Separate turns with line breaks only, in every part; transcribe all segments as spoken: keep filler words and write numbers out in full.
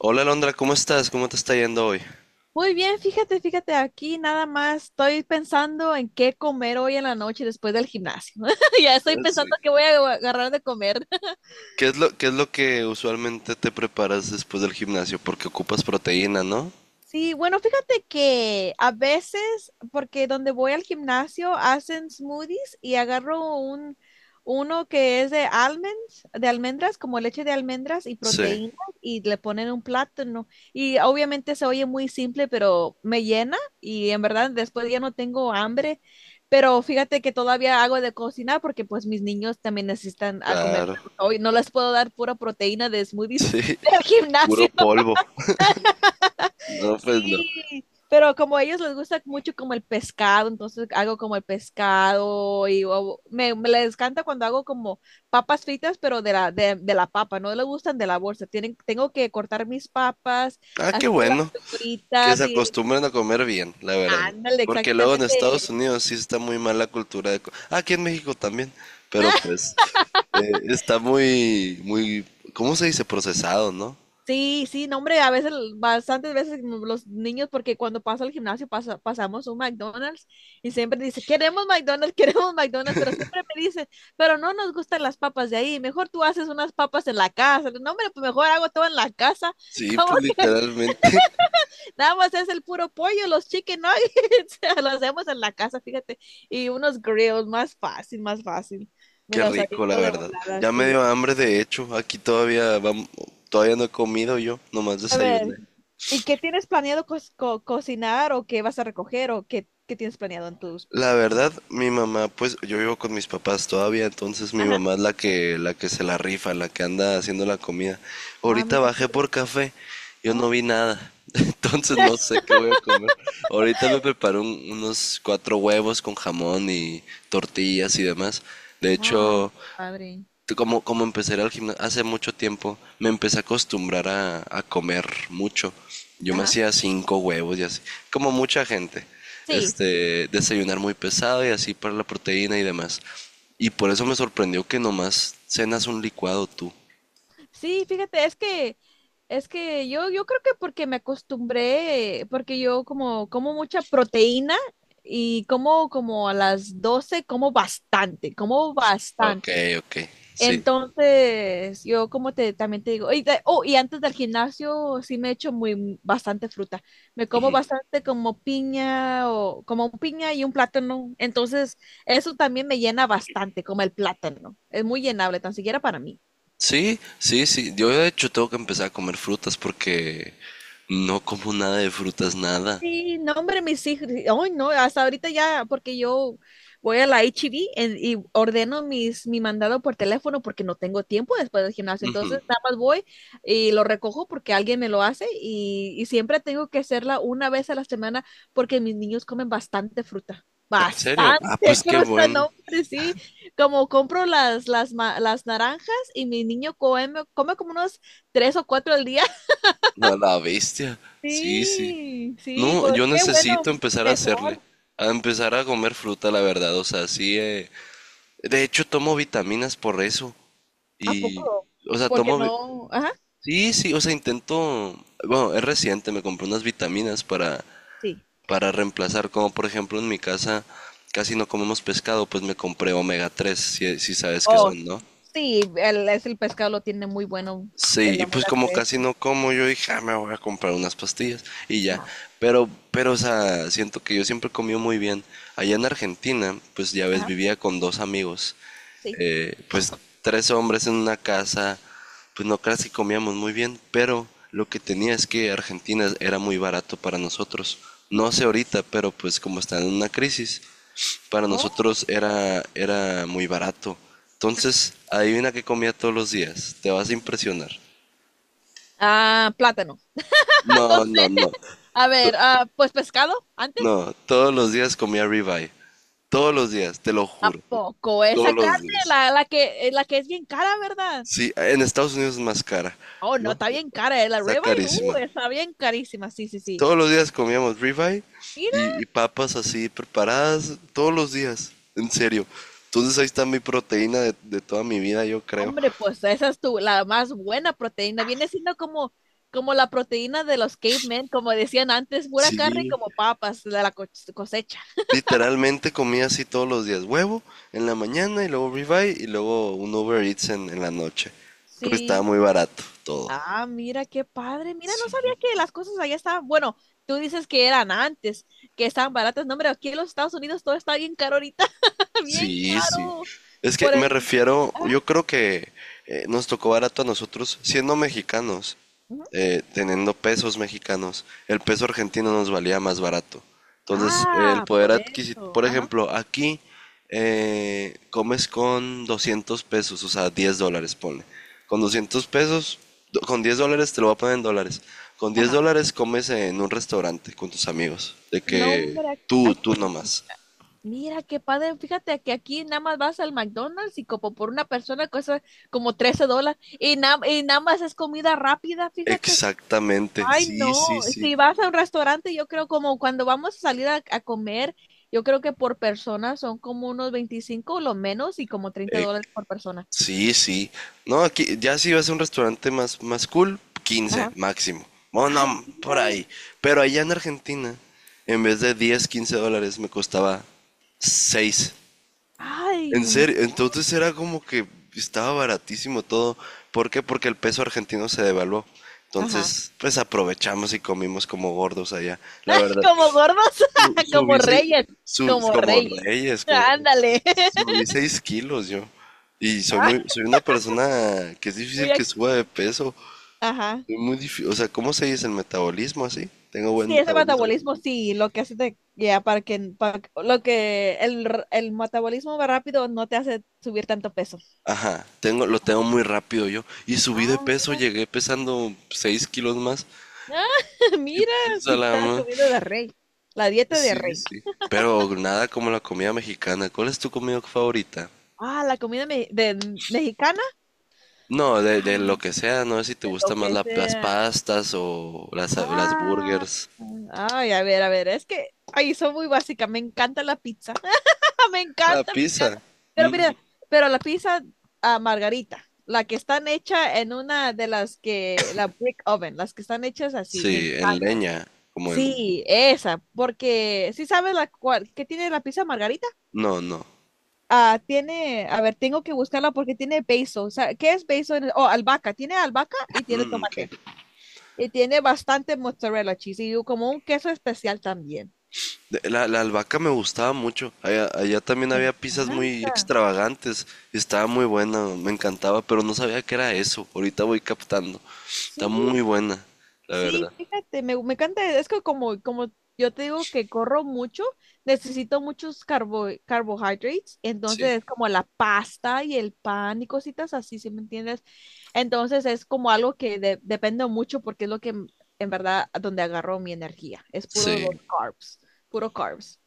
Hola Alondra, ¿cómo estás? ¿Cómo te está yendo hoy?
Muy bien, fíjate, fíjate, aquí nada más estoy pensando en qué comer hoy en la noche después del gimnasio. Ya estoy pensando
Sí.
qué voy a agarrar de comer.
¿Qué es lo, qué es lo que usualmente te preparas después del gimnasio? Porque ocupas proteína, ¿no?
Sí, bueno, fíjate que a veces, porque donde voy al gimnasio hacen smoothies y agarro un, uno que es de almonds, de almendras, como leche de almendras y
Sí,
proteínas, y le ponen un plátano. Y obviamente se oye muy simple, pero me llena y en verdad después ya no tengo hambre. Pero fíjate que todavía hago de cocinar porque pues mis niños también necesitan a comer.
claro.
Hoy no les puedo dar pura proteína de smoothies
Sí,
del
puro
gimnasio.
polvo. No, pues no.
Sí, pero como a ellos les gusta mucho como el pescado, entonces hago como el pescado y o- me, me les encanta cuando hago como papas fritas, pero de la, de, de la papa, no les gustan de la bolsa. Tienen, tengo que cortar mis papas,
Ah, qué
hacer las
bueno. Que
fritas
se
y
acostumbren a comer bien, la verdad.
ándale,
Porque luego en Estados
exactamente.
Unidos sí está muy mal la cultura de... co- Ah, aquí en México también. Pero pues eh, está muy, muy, ¿cómo se dice? Procesado, ¿no?
Sí, sí, no, hombre, a veces, bastantes veces mm, los niños, porque cuando paso al gimnasio pasa- pasamos un McDonald's y siempre dice, queremos McDonald's, queremos McDonald's, pero siempre me dicen, pero no nos gustan las papas de ahí, mejor tú haces unas papas en la casa. No, hombre, pues mejor hago todo en la casa,
Sí,
como
pues
que
literalmente.
nada más es el puro pollo, los chicken nuggets, lo hacemos en la casa, fíjate, y unos grills, más fácil, más fácil. Me
Qué
los
rico, la
aviento de
verdad.
volada,
Ya me dio
sí.
hambre, de hecho. Aquí todavía vam- todavía no he comido yo, nomás
A ver,
desayuné.
¿y qué tienes planeado co- co- cocinar o qué vas a recoger o qué, qué tienes planeado en tus...
La verdad, mi mamá, pues yo vivo con mis papás todavía, entonces mi
Ajá.
mamá es la que la que se la rifa, la que anda haciendo la comida.
Ah,
Ahorita
mira qué
bajé por
rico.
café, yo no
Ah,
vi nada. Entonces no sé qué voy a comer. Ahorita me preparó un- unos cuatro huevos con jamón y tortillas y demás. De
ah,
hecho,
qué padre.
tú como, como empecé a ir al gimnasio hace mucho tiempo, me empecé a acostumbrar a, a comer mucho. Yo me
Ajá.
hacía cinco huevos y así, como mucha gente.
Sí, sí, sí.
Este, desayunar muy pesado y así para la proteína y demás. Y por eso me sorprendió que nomás cenas un licuado tú.
Sí, fíjate, es que es que yo yo creo que porque me acostumbré, porque yo como como mucha proteína y como como a las doce como bastante, como
Ok,
bastante.
ok, sí.
Entonces, yo como te también te digo, y, de- oh, y antes del gimnasio sí me echo muy bastante fruta. Me como bastante como piña o como un piña y un plátano. Entonces, eso también me llena bastante, como el plátano. Es muy llenable, tan siquiera para mí.
Sí, sí, sí. Yo de hecho tengo que empezar a comer frutas porque no como nada de frutas, nada.
Sí, no, hombre, mis hijos, hoy no, hasta ahorita ya, porque yo voy a la H E H B y ordeno mis, mi mandado por teléfono porque no tengo tiempo después del gimnasio, entonces
Ujú.
nada más voy y lo recojo porque alguien me lo hace y, y siempre tengo que hacerla una vez a la semana porque mis niños comen bastante fruta,
¿En serio?
bastante
Ah, pues qué
fruta,
bueno.
no, hombre, sí, como compro las, las, ma- las naranjas y mi niño come, come como unos tres o cuatro al día.
No, la bestia. Sí, sí.
Sí, sí,
No,
pues
yo
qué bueno,
necesito empezar a hacerle,
mejor.
a empezar a comer fruta, la verdad. O sea, sí. eh, De hecho, tomo vitaminas por eso.
¿A
Y,
poco?
o sea,
Porque
tomo... vi-
no, ajá,
Sí, sí, o sea, intento. Bueno, es reciente, me compré unas vitaminas para,
sí.
para reemplazar. Como por ejemplo en mi casa casi no comemos pescado, pues me compré omega tres, si, si sabes qué
Oh, Oh,
son, ¿no?
sí, el, es el pescado lo tiene muy bueno,
Sí,
el
y pues
omega
como
tres,
casi no como, yo dije, ah, me voy a comprar unas pastillas y ya.
Ajá,
Pero, pero, o sea, siento que yo siempre he comido muy bien. Allá en Argentina, pues ya ves,
ajá,
vivía con dos amigos,
sí.
eh, pues tres hombres en una casa, pues no casi comíamos muy bien, pero lo que tenía es que Argentina era muy barato para nosotros.
Ujú.
No sé ahorita, pero pues como está en una crisis, para
Oh.
nosotros era, era muy barato. Entonces, adivina qué comía todos los días, te vas a impresionar.
Ah, plátano.
No,
No
no, no.
sé. A ver,
To-
ah, pues pescado antes.
No, todos los días comía ribeye. Todos los días, te lo
¿A
juro.
poco?
Todos
Esa
los
carne,
días.
la, la que, eh, la que es bien cara, ¿verdad?
Sí, en Estados Unidos es más cara,
Oh, no,
¿no?
está bien cara, eh, la
Está
ribeye,
carísima.
uh, está bien carísima, sí, sí, sí.
Todos los días comíamos ribeye y, y papas así preparadas, todos los días, en serio. Entonces ahí está mi proteína de, de toda mi vida, yo creo.
Hombre, pues esa es tu, la más buena proteína. Viene siendo como, como la proteína de los cavemen, como decían antes, pura carne
Sí,
como papas de la co- cosecha.
literalmente comía así todos los días. Huevo en la mañana y luego ribeye y luego un Uber Eats en en la noche. Porque estaba
Sí.
muy barato todo.
Ah, mira qué padre. Mira, no sabía
Sí,
que las cosas allá estaban. Bueno, tú dices que eran antes, que estaban baratas. No, hombre, aquí en los Estados Unidos todo está bien caro ahorita, bien
sí, sí.
caro.
Es que
Por
me
el.
refiero,
Ajá,
yo creo que eh, nos tocó barato a nosotros siendo mexicanos,
ujú.
eh, teniendo pesos mexicanos. El peso argentino nos valía más barato. Entonces, eh, el
Ah,
poder
por
adquisitivo,
eso.
por
Ajá.
ejemplo, aquí eh, comes con doscientos pesos, o sea, diez dólares, ponle. Con
Ujú.
doscientos pesos, do- con diez dólares, te lo voy a poner en dólares. Con 10
Ajá.
dólares comes en un restaurante con tus amigos, de
No,
que
hombre,
tú,
aquí.
tú nomás.
Mira qué padre, fíjate que aquí nada más vas al McDonald's y como por una persona cuesta como trece dólares y, na- y nada más es comida rápida, fíjate.
Exactamente,
Ay,
sí,
no,
sí, sí.
si vas a un restaurante, yo creo como cuando vamos a salir a, a comer, yo creo que por persona son como unos veinticinco o lo menos y como treinta
Eh,
dólares por persona.
sí, sí. No, aquí ya si vas a un restaurante más, más cool, quince
Ajá.
máximo. Bueno,
Ay,
no, por
mira.
ahí. Pero allá en Argentina, en vez de diez quince dólares, me costaba seis. En
Ay,
serio,
mira.
entonces era como que estaba baratísimo todo. ¿Por qué? Porque el peso argentino se devaluó.
Ajá.
Entonces, pues aprovechamos y comimos como gordos allá. La verdad,
Como gordos,
Su-
como
subí seis,
reyes,
su-
como
como
reyes.
reyes, como
Ándale.
subí seis kilos yo. Y soy muy, soy una persona que es
Muy
difícil
ac-
que suba de peso.
Ajá.
Soy muy difícil, o sea, ¿cómo se dice el metabolismo así? Tengo buen
Sí, ese
metabolismo.
metabolismo, sí, lo que hace te, ya, para que, para que- lo que, el, r- el metabolismo va rápido no te hace subir tanto peso.
Ajá, tengo, lo tengo muy rápido yo. Y subí de
Ah,
peso, llegué pesando seis kilos más.
Ah,
Y
mira,
pues a
sí,
la
estaba
ma-
comiendo de rey, la dieta de
Sí,
rey.
sí. Pero nada como la comida mexicana. ¿Cuál es tu comida favorita?
Ah, la comida me- de- mexicana.
No, de, de lo
Ah,
que sea, no sé si te
de lo
gustan más
que
la- las
sea.
pastas o las, las
Ah,
burgers.
ay, a ver, a ver, es que, ay, soy muy básica, me encanta la pizza. Me
La
encanta, me
pizza.
encanta. Pero
Mm,
mira, pero la pizza a margarita, la que están hecha en una de las que, la brick oven, las que están hechas así, me
sí, en
encanta.
leña, como en...
Sí, esa, porque si sabes la cual, ¿qué tiene la pizza margarita?
No, no.
Ah, tiene, a ver, tengo que buscarla porque tiene basil. O sea, ¿qué es basil? en- Oh, albahaca, tiene albahaca y tiene
Mm, ok.
tomate. Y tiene bastante mozzarella cheese y como un queso especial también.
De- la, la albahaca me gustaba mucho. Allá, allá también
Me
había pizzas muy
encanta.
extravagantes. Estaba muy buena, me encantaba, pero no sabía que era eso. Ahorita voy captando. Está muy
Sí.
buena, la
Sí,
verdad.
fíjate, me, me encanta, es que como, como yo te digo que corro mucho, necesito muchos carbo, carbohydrates,
Sí,
entonces es como la pasta y el pan y cositas así, ¿sí me entiendes? Entonces es como algo que de- depende mucho porque es lo que en en verdad donde agarro mi energía, es puro los
sí.
carbs, puro carbs.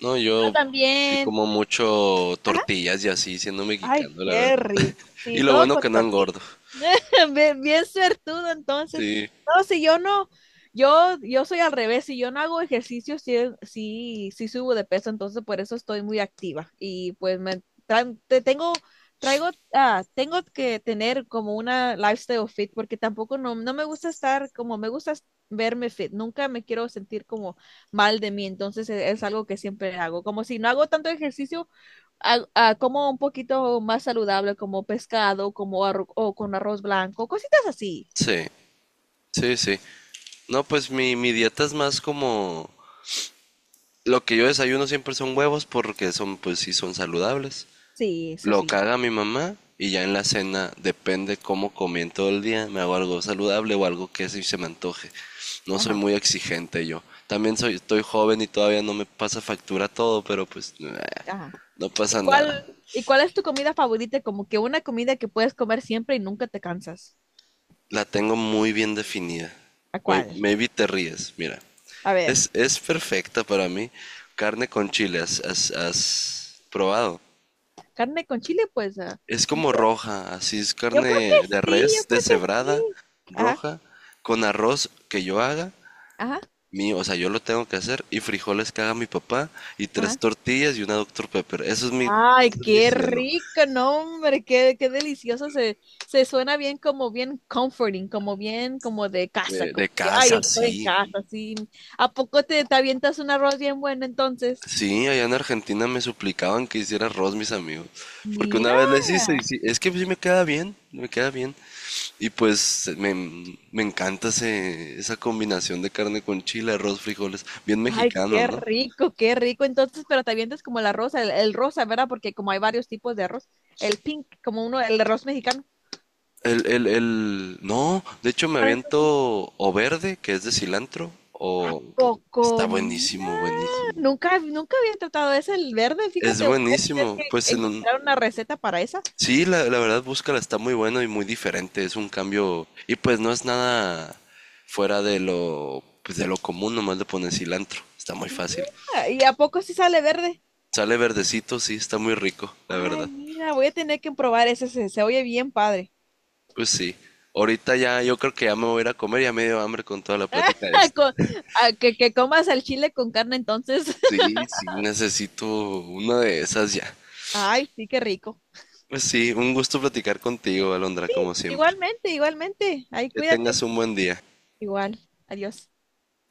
No,
Pero
yo sí
también...
como mucho tortillas y así, siendo
Ay,
mexicano, la
qué
verdad.
rico.
Y
Sí,
lo
todo
bueno que
con
no engordo.
tortitas. Bien, bien suertudo, entonces.
Sí,
No, si yo no, yo, yo soy al revés, si yo no hago ejercicio, sí, sí, sí subo de peso, entonces por eso estoy muy activa. Y pues me tra- te tengo, traigo, ah, tengo que tener como una lifestyle fit, porque tampoco no, no me gusta estar como me gusta es- verme fit, nunca me quiero sentir como mal de mí, entonces e- es algo que siempre hago. Como si no hago tanto ejercicio, a- a como un poquito más saludable, como pescado, como arro- o con arroz blanco, cositas así.
sí, sí, sí. No, pues mi, mi dieta es más como... Lo que yo desayuno siempre son huevos porque son, pues sí, son saludables.
Sí, eso
Lo
sí.
que haga mi mamá y ya en la cena, depende cómo comí en todo el día, me hago algo saludable o algo que sí se me antoje. No soy
Ajá,
muy exigente yo. También soy, estoy joven y todavía no me pasa factura todo, pero pues
ajá.
no pasa
¿Y cuál,
nada.
y cuál es tu comida favorita? Como que una comida que puedes comer siempre y nunca te cansas.
La tengo muy bien definida.
¿A
May-
cuál?
Maybe te ríes, mira.
A ver,
Es, es perfecta para mí. Carne con chile, ¿has, has- has probado?
carne con chile, pues. ah,
Es
y-
como roja, así es
yo creo que
carne de
sí,
res,
yo creo que
deshebrada,
sí. Ajá,
roja, con arroz que yo haga,
ajá,
mío, o sea, yo lo tengo que hacer, y frijoles que haga mi papá, y tres
ajá.
tortillas y una Doctor Pepper. Eso es mi, eso
Ay,
es mi
qué
cielo.
rico, no, hombre, qué, qué delicioso. Se, se suena bien como bien comforting, como bien como de casa,
De, de
como que, ay,
casa,
estoy en
sí.
casa, sí. ¿A poco te, te avientas un arroz bien bueno entonces?
Sí, allá en Argentina me suplicaban que hiciera arroz mis amigos, porque una
Mira.
vez les hice y sí, es que sí me queda bien, me queda bien. Y pues me, me encanta ese- esa combinación de carne con chile, arroz, frijoles, bien
Ay,
mexicano,
qué
¿no?
rico, qué rico. Entonces, pero te avientas como el arroz, el, el rosa, ¿verdad? Porque como hay varios tipos de arroz, el pink, como uno, el arroz mexicano.
El, el, el, no, de hecho me
Ahora entonces,
aviento o verde, que es de cilantro, o está
coco, mira,
buenísimo, buenísimo.
nunca, nunca había tratado ese, el verde,
Es
fíjate, voy a tener
buenísimo, pues
que
en un.
encontrar una receta para esa.
Sí, la, la verdad, búscala, está muy bueno y muy diferente. Es un cambio. Y pues no es nada fuera de lo, pues, de lo común, nomás le pones cilantro. Está muy fácil.
Mira. ¿Y a poco sí sale verde?
Sale verdecito, sí, está muy rico, la
Ay,
verdad.
mira, voy a tener que probar ese, se, se oye bien padre.
Pues sí. Ahorita ya, yo creo que ya me voy a ir a comer, ya me dio hambre con toda la plática esta.
Con- ah, que, que comas el chile con carne entonces.
Sí, sí, necesito una de esas ya.
Ay, sí, qué rico.
Pues sí, un gusto platicar contigo, Alondra, como siempre.
Igualmente, igualmente. Ay,
Que
cuídate.
tengas un buen día.
Igual. Adiós.